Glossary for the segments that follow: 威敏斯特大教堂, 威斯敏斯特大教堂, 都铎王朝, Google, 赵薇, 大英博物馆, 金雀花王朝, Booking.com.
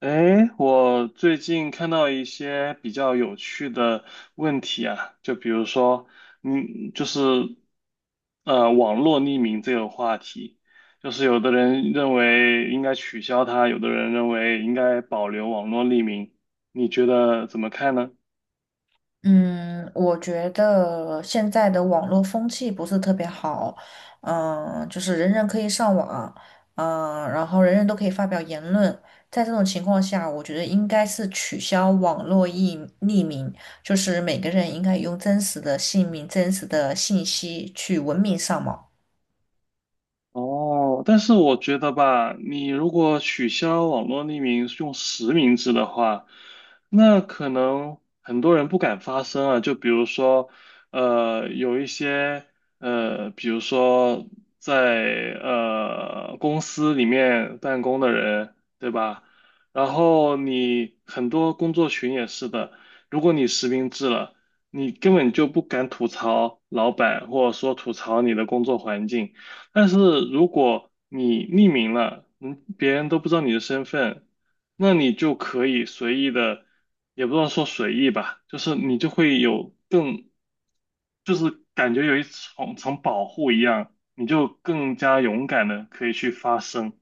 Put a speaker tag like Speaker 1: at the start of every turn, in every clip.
Speaker 1: 哎，我最近看到一些比较有趣的问题啊，就比如说，嗯，就是网络匿名这个话题，就是有的人认为应该取消它，有的人认为应该保留网络匿名，你觉得怎么看呢？
Speaker 2: 嗯，我觉得现在的网络风气不是特别好，就是人人可以上网，然后人人都可以发表言论，在这种情况下，我觉得应该是取消网络匿名，就是每个人应该用真实的姓名、真实的信息去文明上网。
Speaker 1: 哦，但是我觉得吧，你如果取消网络匿名用实名制的话，那可能很多人不敢发声啊。就比如说，有一些比如说在公司里面办公的人，对吧？然后你很多工作群也是的，如果你实名制了，你根本就不敢吐槽老板，或者说吐槽你的工作环境。但是如果你匿名了，嗯，别人都不知道你的身份，那你就可以随意的，也不知道说随意吧，就是你就会有更，就是感觉有一层层保护一样，你就更加勇敢的可以去发声，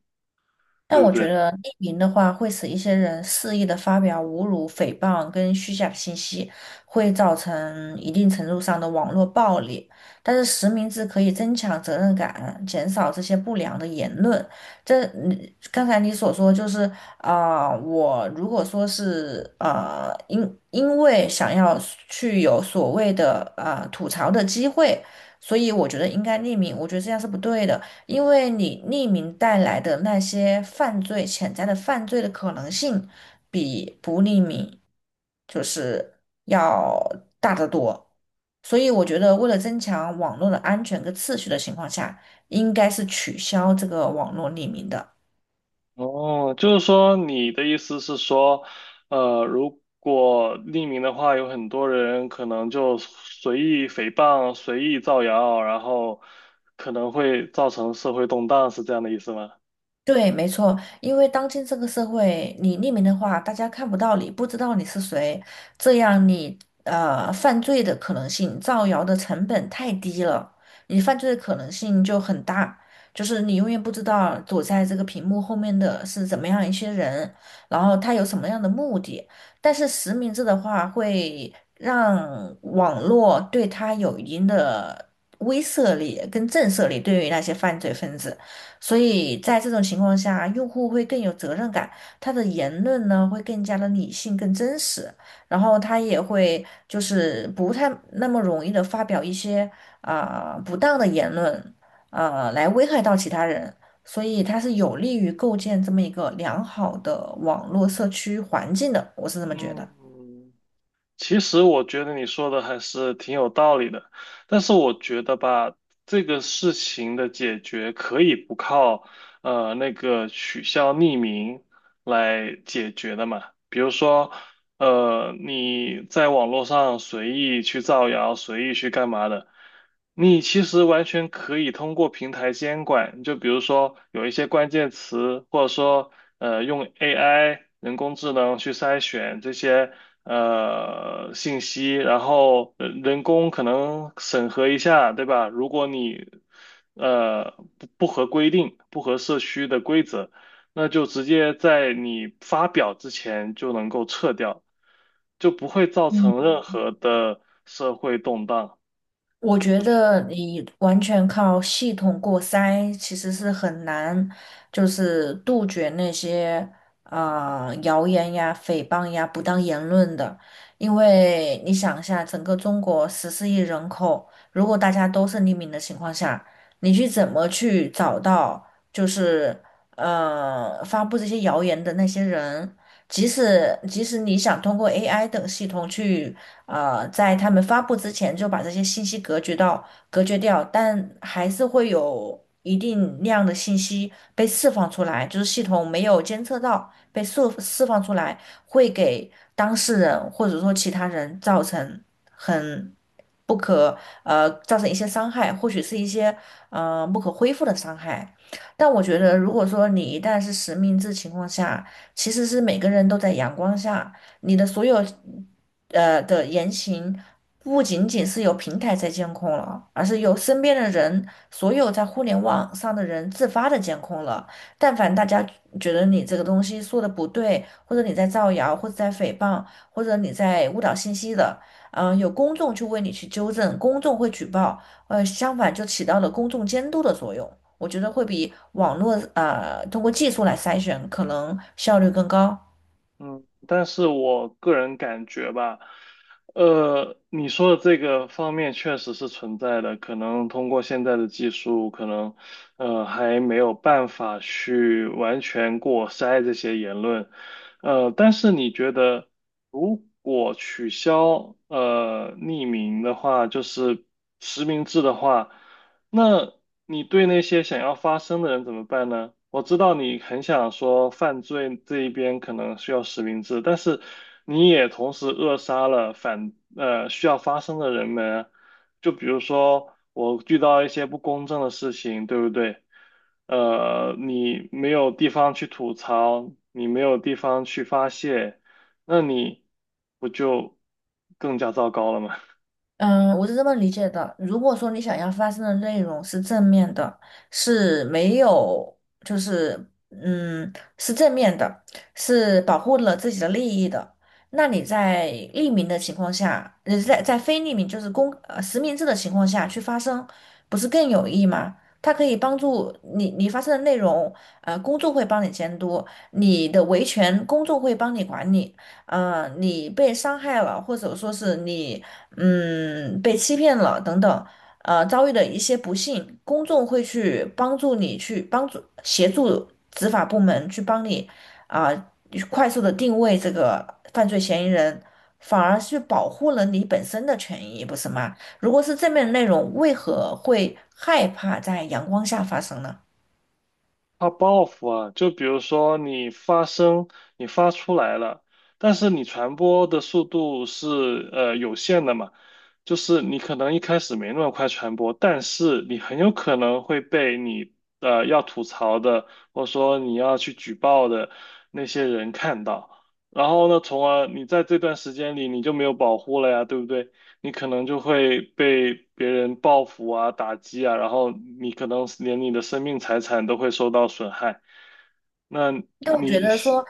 Speaker 1: 对
Speaker 2: 但
Speaker 1: 不
Speaker 2: 我觉
Speaker 1: 对？
Speaker 2: 得匿名的话，会使一些人肆意的发表侮辱、诽谤跟虚假信息，会造成一定程度上的网络暴力。但是实名制可以增强责任感，减少这些不良的言论。这嗯刚才你所说就是，我如果说是因为想要去有所谓的吐槽的机会，所以我觉得应该匿名，我觉得这样是不对的。因为你匿名带来的那些犯罪潜在的犯罪的可能性，比不匿名就是要大得多。所以我觉得，为了增强网络的安全跟次序的情况下，应该是取消这个网络匿名的。
Speaker 1: 哦，就是说你的意思是说，如果匿名的话，有很多人可能就随意诽谤、随意造谣，然后可能会造成社会动荡，是这样的意思吗？
Speaker 2: 对，没错，因为当今这个社会，你匿名的话，大家看不到你，不知道你是谁，这样你犯罪的可能性、造谣的成本太低了，你犯罪的可能性就很大。就是你永远不知道躲在这个屏幕后面的是怎么样一些人，然后他有什么样的目的。但是实名制的话，会让网络对他有一定的威慑力跟震慑力，对于那些犯罪分子。所以在这种情况下，用户会更有责任感，他的言论呢会更加的理性、更真实，然后他也会就是不太那么容易的发表一些不当的言论，来危害到其他人，所以它是有利于构建这么一个良好的网络社区环境的，我是这么觉得。
Speaker 1: 嗯，其实我觉得你说的还是挺有道理的，但是我觉得吧，这个事情的解决可以不靠那个取消匿名来解决的嘛。比如说，你在网络上随意去造谣，随意去干嘛的，你其实完全可以通过平台监管，就比如说有一些关键词，或者说用 AI 人工智能去筛选这些信息，然后人工可能审核一下，对吧？如果你呃不合规定、不合社区的规则，那就直接在你发表之前就能够撤掉，就不会造
Speaker 2: 嗯，
Speaker 1: 成任何的社会动荡。
Speaker 2: 我觉得你完全靠系统过筛，其实是很难，就是杜绝那些谣言呀、诽谤呀、不当言论的。因为你想一下，整个中国14亿人口，如果大家都是匿名的情况下，你去怎么去找到就是发布这些谣言的那些人？即使你想通过 AI 等系统去。在他们发布之前就把这些信息隔绝掉，但还是会有一定量的信息被释放出来，就是系统没有监测到被释放出来，会给当事人或者说其他人造成很不可呃造成一些伤害，或许是一些不可恢复的伤害。但我觉得，如果说你一旦是实名制情况下，其实是每个人都在阳光下。你的所有的言行，不仅仅是由平台在监控了，而是由身边的人，所有在互联网上的人自发的监控了。但凡大家觉得你这个东西说的不对，或者你在造谣，或者在诽谤，或者你在误导信息的，有公众去为你去纠正，公众会举报，相反就起到了公众监督的作用。我觉得会比网络通过技术来筛选可能效率更高。
Speaker 1: 嗯，但是我个人感觉吧，你说的这个方面确实是存在的，可能通过现在的技术，可能还没有办法去完全过筛这些言论，但是你觉得如果取消匿名的话，就是实名制的话？那你对那些想要发声的人怎么办呢？我知道你很想说犯罪这一边可能需要实名制，但是你也同时扼杀了需要发声的人们啊就比如说我遇到一些不公正的事情，对不对？你没有地方去吐槽，你没有地方去发泄，那你不就更加糟糕了吗？
Speaker 2: 嗯，我是这么理解的。如果说你想要发生的内容是正面的，是没有，就是嗯，是正面的，是保护了自己的利益的，那你在匿名的情况下，在非匿名就是实名制的情况下去发声，不是更有益吗？它可以帮助你，你发生的内容，公众会帮你监督，你的维权公众会帮你管理。你被伤害了，或者说是你。被欺骗了等等，遭遇的一些不幸，公众会去帮助你，去帮助协助执法部门去帮你啊，去快速的定位这个犯罪嫌疑人，反而是保护了你本身的权益，不是吗？如果是正面的内容，为何会害怕在阳光下发生呢？
Speaker 1: 它报复啊，就比如说你发声，你发出来了，但是你传播的速度是有限的嘛，就是你可能一开始没那么快传播，但是你很有可能会被你要吐槽的，或者说你要去举报的那些人看到，然后呢，从而你在这段时间里你就没有保护了呀，对不对？你可能就会被别人报复啊、打击啊，然后你可能连你的生命财产都会受到损害。那
Speaker 2: 但我觉
Speaker 1: 你
Speaker 2: 得说，
Speaker 1: 是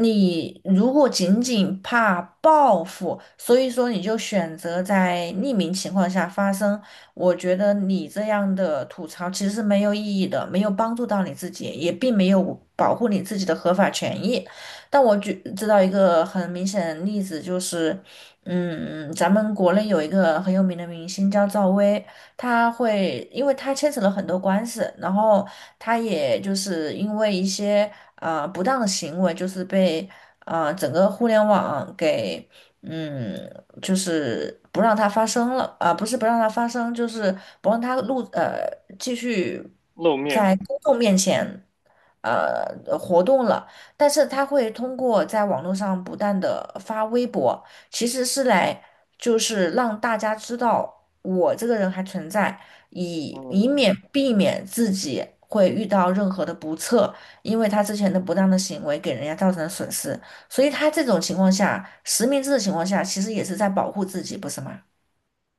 Speaker 2: 你如果仅仅怕报复，所以说你就选择在匿名情况下发声，我觉得你这样的吐槽其实是没有意义的，没有帮助到你自己，也并没有保护你自己的合法权益。但我举知道一个很明显的例子，就是，咱们国内有一个很有名的明星叫赵薇。因为他牵扯了很多官司，然后他也就是因为一些不当的行为，就是被整个互联网给嗯，就是不让它发生了啊，不是不让它发生，就是不让它继续
Speaker 1: 露面，
Speaker 2: 在公众面前活动了。但是他会通过在网络上不断的发微博，其实是来就是让大家知道我这个人还存在，以以
Speaker 1: 嗯，
Speaker 2: 免避免自己会遇到任何的不测。因为他之前的不当的行为给人家造成了损失，所以他这种情况下，实名制的情况下，其实也是在保护自己，不是吗？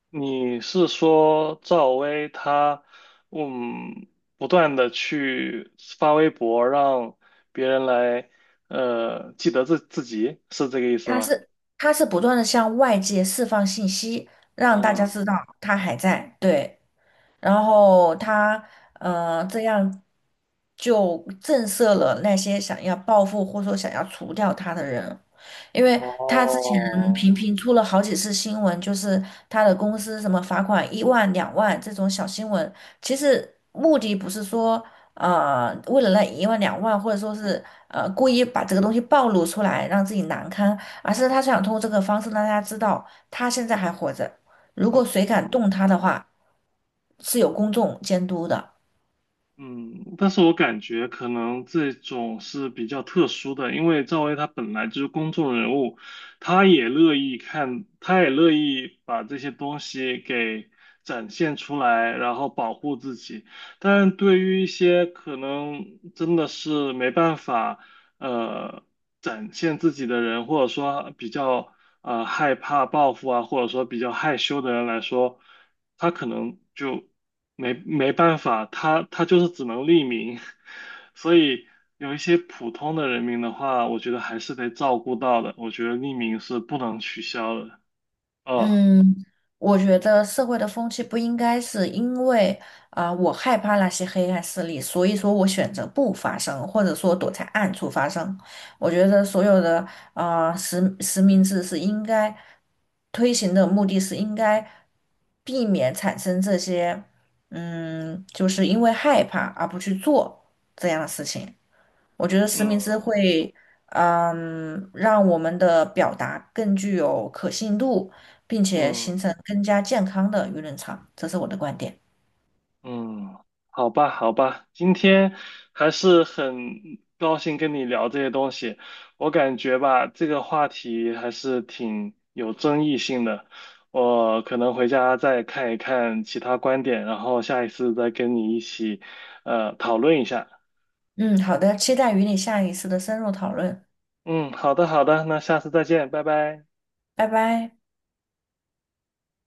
Speaker 1: 你是说赵薇她，嗯，不断的去发微博让别人来，记得自己，是这个意思
Speaker 2: 他
Speaker 1: 吗？
Speaker 2: 是他是不断的向外界释放信息，让大家
Speaker 1: 嗯，
Speaker 2: 知道他还在，对，然后他这样就震慑了那些想要报复或者说想要除掉他的人。因为他之前
Speaker 1: 哦，
Speaker 2: 频频出了好几次新闻，就是他的公司什么罚款一万、两万这种小新闻，其实目的不是说为了那一万两万，或者说是故意把这个东西暴露出来让自己难堪，而是他想通过这个方式让大家知道他现在还活着，如
Speaker 1: 嗯。
Speaker 2: 果谁敢动他的话，是有公众监督的。
Speaker 1: 嗯，但是我感觉可能这种是比较特殊的，因为赵薇她本来就是公众人物，她也乐意看，她也乐意把这些东西给展现出来，然后保护自己。但对于一些可能真的是没办法，呃，展现自己的人，或者说比较害怕报复啊，或者说比较害羞的人来说，他可能就。没办法，他就是只能匿名，所以有一些普通的人民的话，我觉得还是得照顾到的。我觉得匿名是不能取消的。哦，
Speaker 2: 嗯，我觉得社会的风气不应该是因为我害怕那些黑暗势力，所以说我选择不发声，或者说躲在暗处发声。我觉得所有的实名制是应该推行的目的是应该避免产生这些，就是因为害怕而不去做这样的事情。我觉得实名制
Speaker 1: 嗯
Speaker 2: 会，让我们的表达更具有可信度，并且形
Speaker 1: 嗯。
Speaker 2: 成更加健康的舆论场，这是我的观点。
Speaker 1: 嗯，好吧，好吧，今天还是很高兴跟你聊这些东西。我感觉吧，这个话题还是挺有争议性的。我可能回家再看一看其他观点，然后下一次再跟你一起讨论一下。
Speaker 2: 嗯，好的，期待与你下一次的深入讨论，
Speaker 1: 嗯，好的，好的，那下次再见，拜拜。
Speaker 2: 拜拜。